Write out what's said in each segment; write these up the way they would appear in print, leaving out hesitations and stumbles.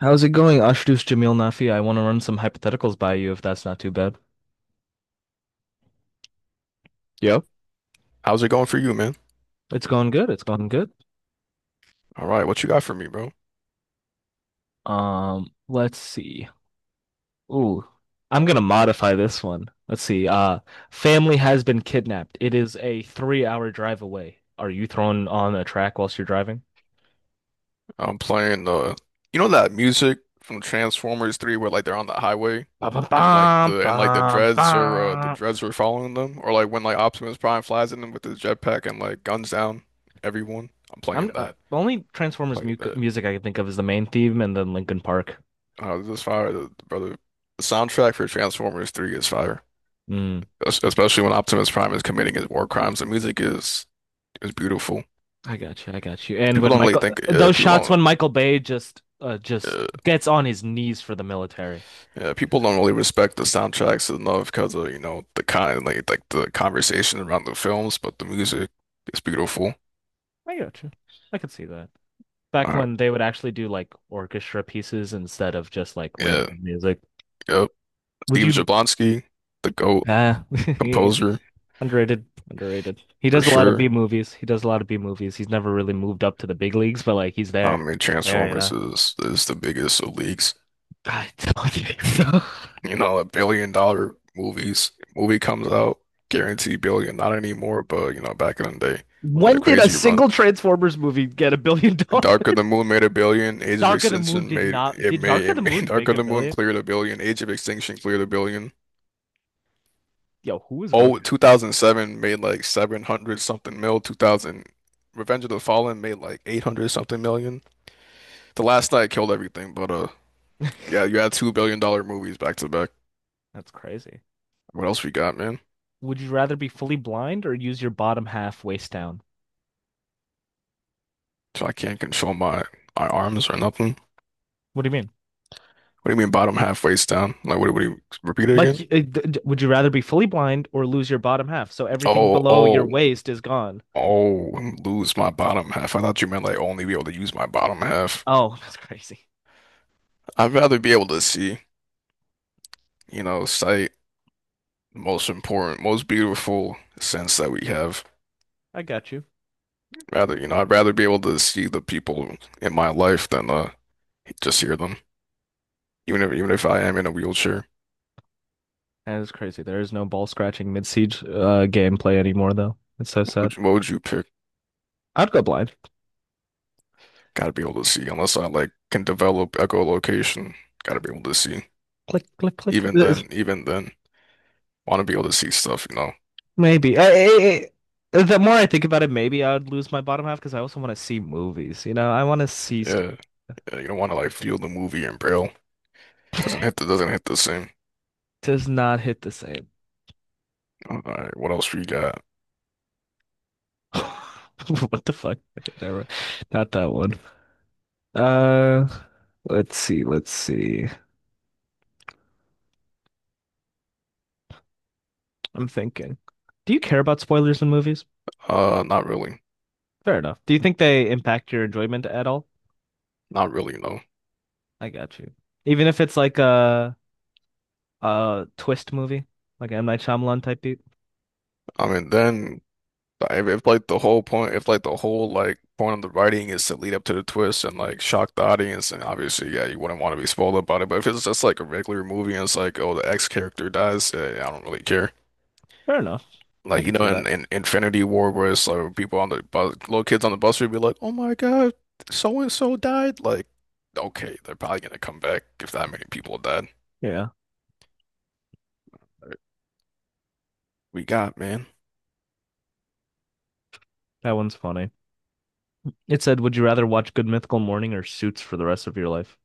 How's it going, Ashdus Jamil Nafi? I want to run some hypotheticals by you if that's not too bad. Yep. How's it going for you, man? It's going good. It's going good. All right, what you got for me, bro? Let's see. Ooh, I'm gonna modify this one. Let's see. Family has been kidnapped. It is a 3-hour drive away. Are you thrown on a track whilst you're driving? I'm playing that music from Transformers 3 where they're on the highway Ba ba and like bum the and like the bum dreads or the bum. dreads were following them, or like when like Optimus Prime flies in them with his jetpack and like guns down everyone. I'm I'm playing that. the only Transformers Playing mu that. music I can think of is the main theme and then Linkin Park. This is fire, the, brother. The soundtrack for Transformers 3 is fire. Hmm. Especially when Optimus Prime is committing his war crimes. The music is beautiful. I got you. I got you. And People when don't really Michael, think those people shots don't. when Michael Bay just Uh, gets on his knees for the military. Yeah, people don't really respect the soundtracks enough because of, you know, the kind like the conversation around the films, but the music is beautiful. I got you. I could see that. Back Uh, when they would actually do like orchestra pieces instead of just like yeah, random music. yep. Would Steve you? Jablonsky, the GOAT Uh, composer, underrated, underrated. He for does a lot of sure. B movies. He does a lot of B movies. He's never really moved up to the big leagues, but like he's I there. mean, He's there, you Transformers know. is the biggest of leagues. I don't know. You know, a $1 billion movie comes out, guaranteed billion, not anymore, but you know, back in the day, had a When did a crazy run. single Transformers movie get a billion Darker the dollars? Moon made a billion. Age of Dark of the Moon Extinction did made not. it Did made Dark it of the made Moon make Darker a the Moon billion? cleared a billion. Age of Extinction cleared a billion. Yo, who is going Oh, 2007 made like 700 something mil. 2000 Revenge of the Fallen made like 800 something million. The Last Night killed everything, but to? yeah, you had two billion dollar movies back to back. That's crazy. What else we got, man? Would you rather be fully blind or use your bottom half waist down? So I can't control my arms or nothing. What do you mean? What do you mean bottom halfway's down? Like what do you repeat it Like, again? Would you rather be fully blind or lose your bottom half? So everything Oh, below your oh. waist is gone. Oh, and lose my bottom half. I thought you meant like only be able to use my bottom half. Oh, that's crazy. I'd rather be able to see, you know, sight, most important, most beautiful sense that we have. I got you. Rather, you know, I'd rather be able to see the people in my life than just hear them. Even if I am in a wheelchair, That is crazy. There is no ball scratching mid siege gameplay anymore, though. It's so what would, sad. What would you pick? I'd go blind. Gotta be able to see, unless I like can develop echolocation. Gotta be able to see. Click, click, click. Even then, even then, want to be able to see stuff, you know. Maybe. The more I think about it, maybe I would lose my bottom half because I also want to see movies. You know, I want to see stuff. Yeah, yeah, you don't want to like feel the movie in braille. Doesn't hit the same. Does not hit the same. All right, what else we got? What the fuck? Okay, never. Not that one. Uh, let's see. Let's see. I'm thinking. Do you care about spoilers in movies? Not really, Fair enough. Do you think they impact your enjoyment at all? No, I got you. Even if it's like a twist movie, like M. Night Shyamalan type beat. I mean then if like the whole point, if like the whole like point of the writing is to lead up to the twist and like shock the audience, and obviously yeah, you wouldn't want to be spoiled about it. But if it's just like a regular movie and it's like oh the X character dies, eh, I don't really care. Fair enough. I Like you can know see that. In Infinity War where it's like people on the bus, little kids on the bus would be like oh my God, so and so died. Like okay, they're probably gonna come back if that many people died. Yeah, We got, man? that one's funny. It said, "Would you rather watch Good Mythical Morning or Suits for the rest of your life?"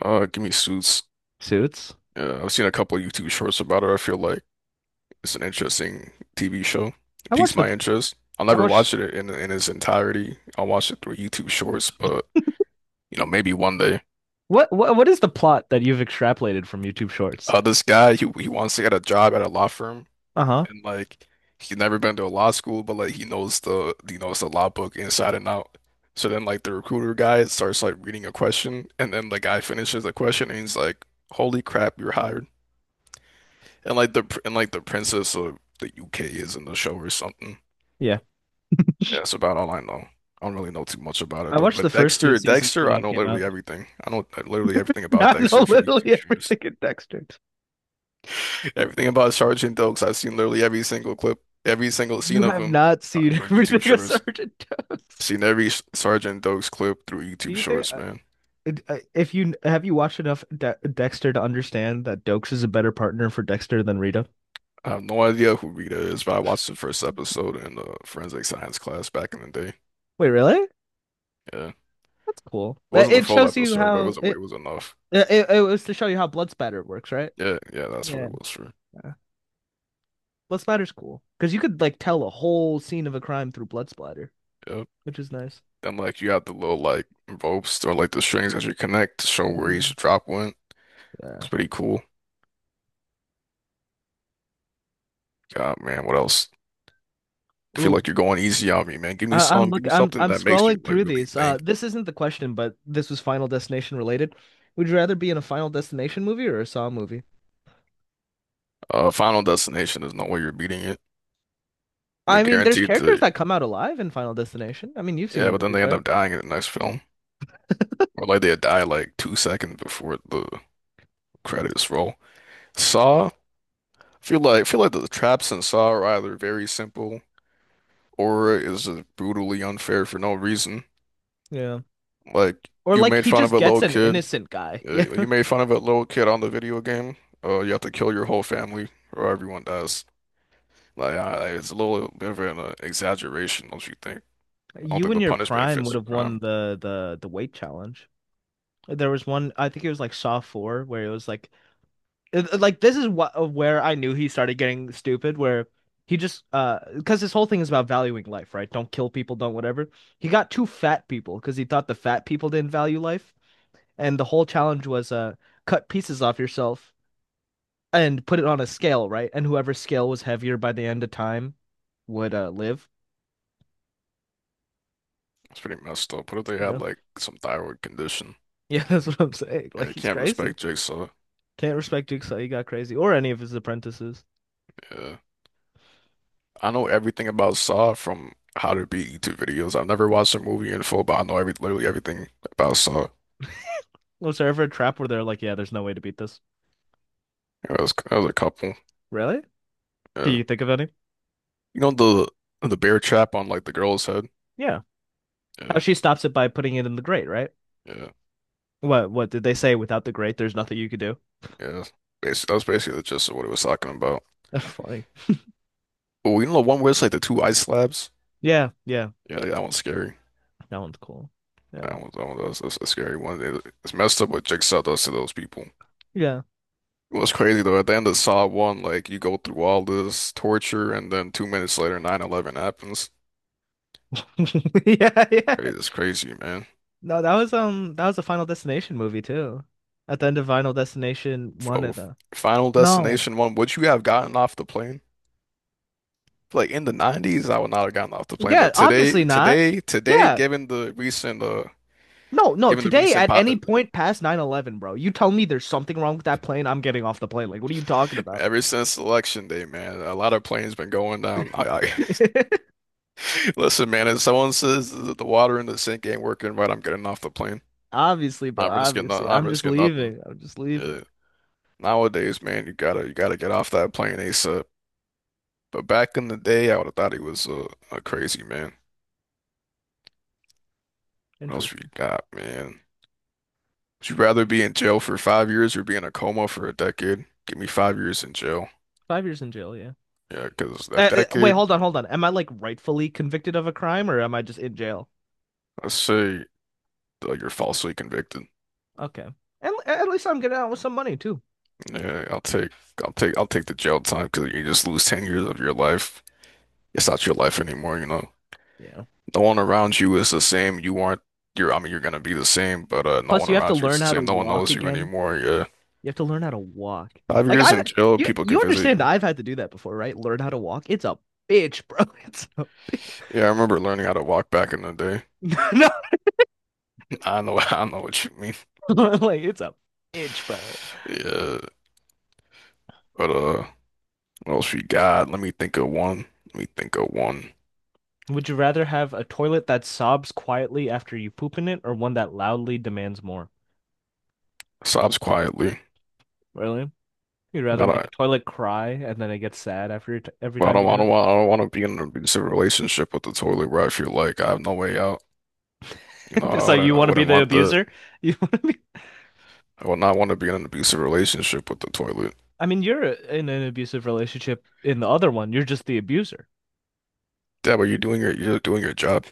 Give me Suits. Suits. I've seen a couple of YouTube shorts about it. I feel like it's an interesting TV show. It I piques watched the. my interest. I'll I never watched. watch it in its entirety. I'll watch it through YouTube shorts, but you know, maybe one day. What what is the plot that you've extrapolated from YouTube Shorts? This guy, he wants to get a job at a law firm, Uh huh. and like he's never been to a law school, but like he knows the law book inside and out. So then, like the recruiter guy starts like reading a question, and then the guy finishes the question, and he's like, "Holy crap, you're hired." And like the princess of the UK is in the show or something. Yeah. Yeah, that's about all I know. I don't really know too much about it I though. watched the But first few seasons when Dexter, I I know came literally out. everything. I know literally everything about I know Dexter from YouTube literally streams. everything in Dexter. Everything about Sergeant Oaks. I've seen literally every single clip, every single You scene of have him not seen through YouTube everything of shorts. Sergeant Doakes. Seen every Sergeant Oaks clip through Do YouTube you think shorts, man. If you watched enough Dexter to understand that Dokes is a better partner for Dexter than Rita? I have no idea who Rita is, but I watched the first episode in the forensic science class back in the day. Wait, really? Yeah, it That's cool. wasn't the it full shows you episode, but how it it was enough. It, it, was to show you how blood spatter works, right? Yeah, yeah, that's what Yeah. it was for. Yeah. Blood splatter's cool because you could like tell a whole scene of a crime through blood splatter, Yep. which is nice. And like you have the little like ropes or like the strings that you connect to show where Mm. each drop went. Yeah. It's pretty cool. God, man, what else? I feel Ooh. like you're going easy on me, man. I, I'm Give look. me I'm something I'm that makes you scrolling like through really these. Think. This isn't the question, but this was Final Destination related. Would you rather be in a Final Destination movie or a Saw movie? Final Destination, there's no way you're beating it. You're I mean, there's guaranteed characters to, that come out alive in Final Destination. I mean, you've seen yeah, the but then movies, they end right? up dying in the next film, or like they die like two seconds before the credits roll. Saw, I feel like the traps in Saw are either very simple or is just brutally unfair for no reason. Yeah. Like Or you like made he fun of just a gets little an kid. innocent guy. Yeah. You made fun of a little kid on the video game. You have to kill your whole family or everyone dies. Like it's a little bit of an exaggeration, don't you think? I don't You think in the your punishment prime fits would the have won crime. the weight challenge. There was one, I think it was like Saw 4, where it was like, like this is what where I knew he started getting stupid, where he just because his whole thing is about valuing life, right? Don't kill people, don't whatever. He got two fat people because he thought the fat people didn't value life, and the whole challenge was cut pieces off yourself and put it on a scale, right? And whoever scale was heavier by the end of time would live. It's pretty messed up. What if they had No. like some thyroid condition? Yeah, that's what I'm saying. Like Yeah, you he's can't crazy. respect Jigsaw. Can't respect Jigsaw. He got crazy, or any of his apprentices. Yeah, I know everything about Saw from How to Beat YouTube videos. I've never watched a movie in full, but I know every literally everything about Saw. Was there ever a trap where they're like, yeah, there's no way to beat this? Yeah, that was a couple. Really? Can Yeah. you think of any? You know the bear trap on like the girl's head. Yeah. How Yeah. she stops it by putting it in the grate, right? Yeah, What did they say without the grate there's nothing you could do? yeah. Bas That was basically the gist of what it was talking about. That's funny. Oh, you know the one where it's like the two ice slabs? Yeah, yeah. Yeah, that one's scary. That one's cool. Yeah. That's a scary one. It's messed up what Jigsaw does to those people. Yeah. What's crazy though, at the end of Saw 1, like you go through all this torture and then two minutes later, 911 happens. Yeah, yeah. It is crazy, man. No, that was a Final Destination movie too. At the end of Final Destination one of Oh, the Final No. Destination 1, would you have gotten off the plane? Like in the 90s, I would not have gotten off the plane, Yeah, but obviously not. Today, Yeah. given the No, no, today recent at po any point past 9/11, bro, you tell me there's something wrong with that plane, I'm getting off the plane. Like, what are you talking about? ever since election day, man, a lot of planes been going down. I listen, man. If someone says that the water in the sink ain't working right, I'm getting off the plane. Obviously, bro. Not risking, Obviously, not I'm just risking nothing. leaving. I'm just leaving. Yeah. Nowadays, man, you gotta get off that plane ASAP. But back in the day, I would have thought he was a crazy man. What else we Interesting. got, man? Would you rather be in jail for 5 years or be in a coma for a decade? Give me 5 years in jail. 5 years in jail. Yeah. Yeah, because that Wait, decade, hold on, hold on. Am I like rightfully convicted of a crime, or am I just in jail? let's say you're falsely convicted. Okay. And at least I'm getting out with some money too. Yeah, I'll take the jail time because you just lose 10 years of your life. It's not your life anymore, you know. Yeah. No one around you is the same. You aren't you're I mean you're gonna be the same, but no Plus, one you have to around you is learn the how to same. No one walk knows you again. anymore. Yeah. You have to learn how to walk. Five Like years I, in jail, you, people can you visit understand that you. I've had to do that before, right? Learn how to walk. It's a bitch, bro. It's a bitch. Yeah, I remember learning how to walk back in the day. I know I know what you mean. No, like it's a bitch, bro. Yeah. But what else we got? Let me think of one. Would you rather have a toilet that sobs quietly after you poop in it or one that loudly demands more? Sobs quietly. Really? You'd rather make a Not toilet cry and then it gets sad after t every Well, time you do it? I don't want to be in an abusive relationship with the toilet where I feel like I have no way out. You know, So you I want to be wouldn't the want the, abuser? You want to be I would not want to be in an abusive relationship with the toilet. I mean, you're in an abusive relationship in the other one. You're just the abuser. Yeah, but you're doing your job.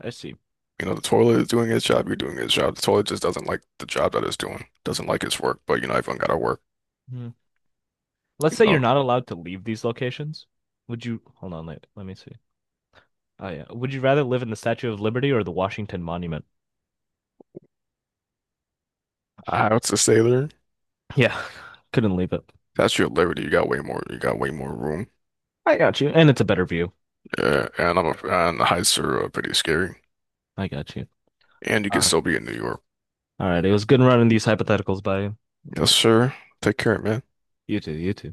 I see. You know, the toilet is doing its job. You're doing its job. The toilet just doesn't like the job that it's doing. Doesn't like its work. But you know, everyone gotta work. Hmm. Let's You say know, you're not allowed to leave these locations. Would you Hold on, let me see. Oh yeah. Would you rather live in the Statue of Liberty or the Washington Monument? I have to say there, Yeah. Couldn't leave it. that's your liberty. You got way more. You got way more room. I got you. And it's a better view. Yeah, and the heights are pretty scary. I got you. And you can Uh, still be in New York. all right. It was good running these hypotheticals by you. It's Yes, good. sir. Take care, man. You too. You too.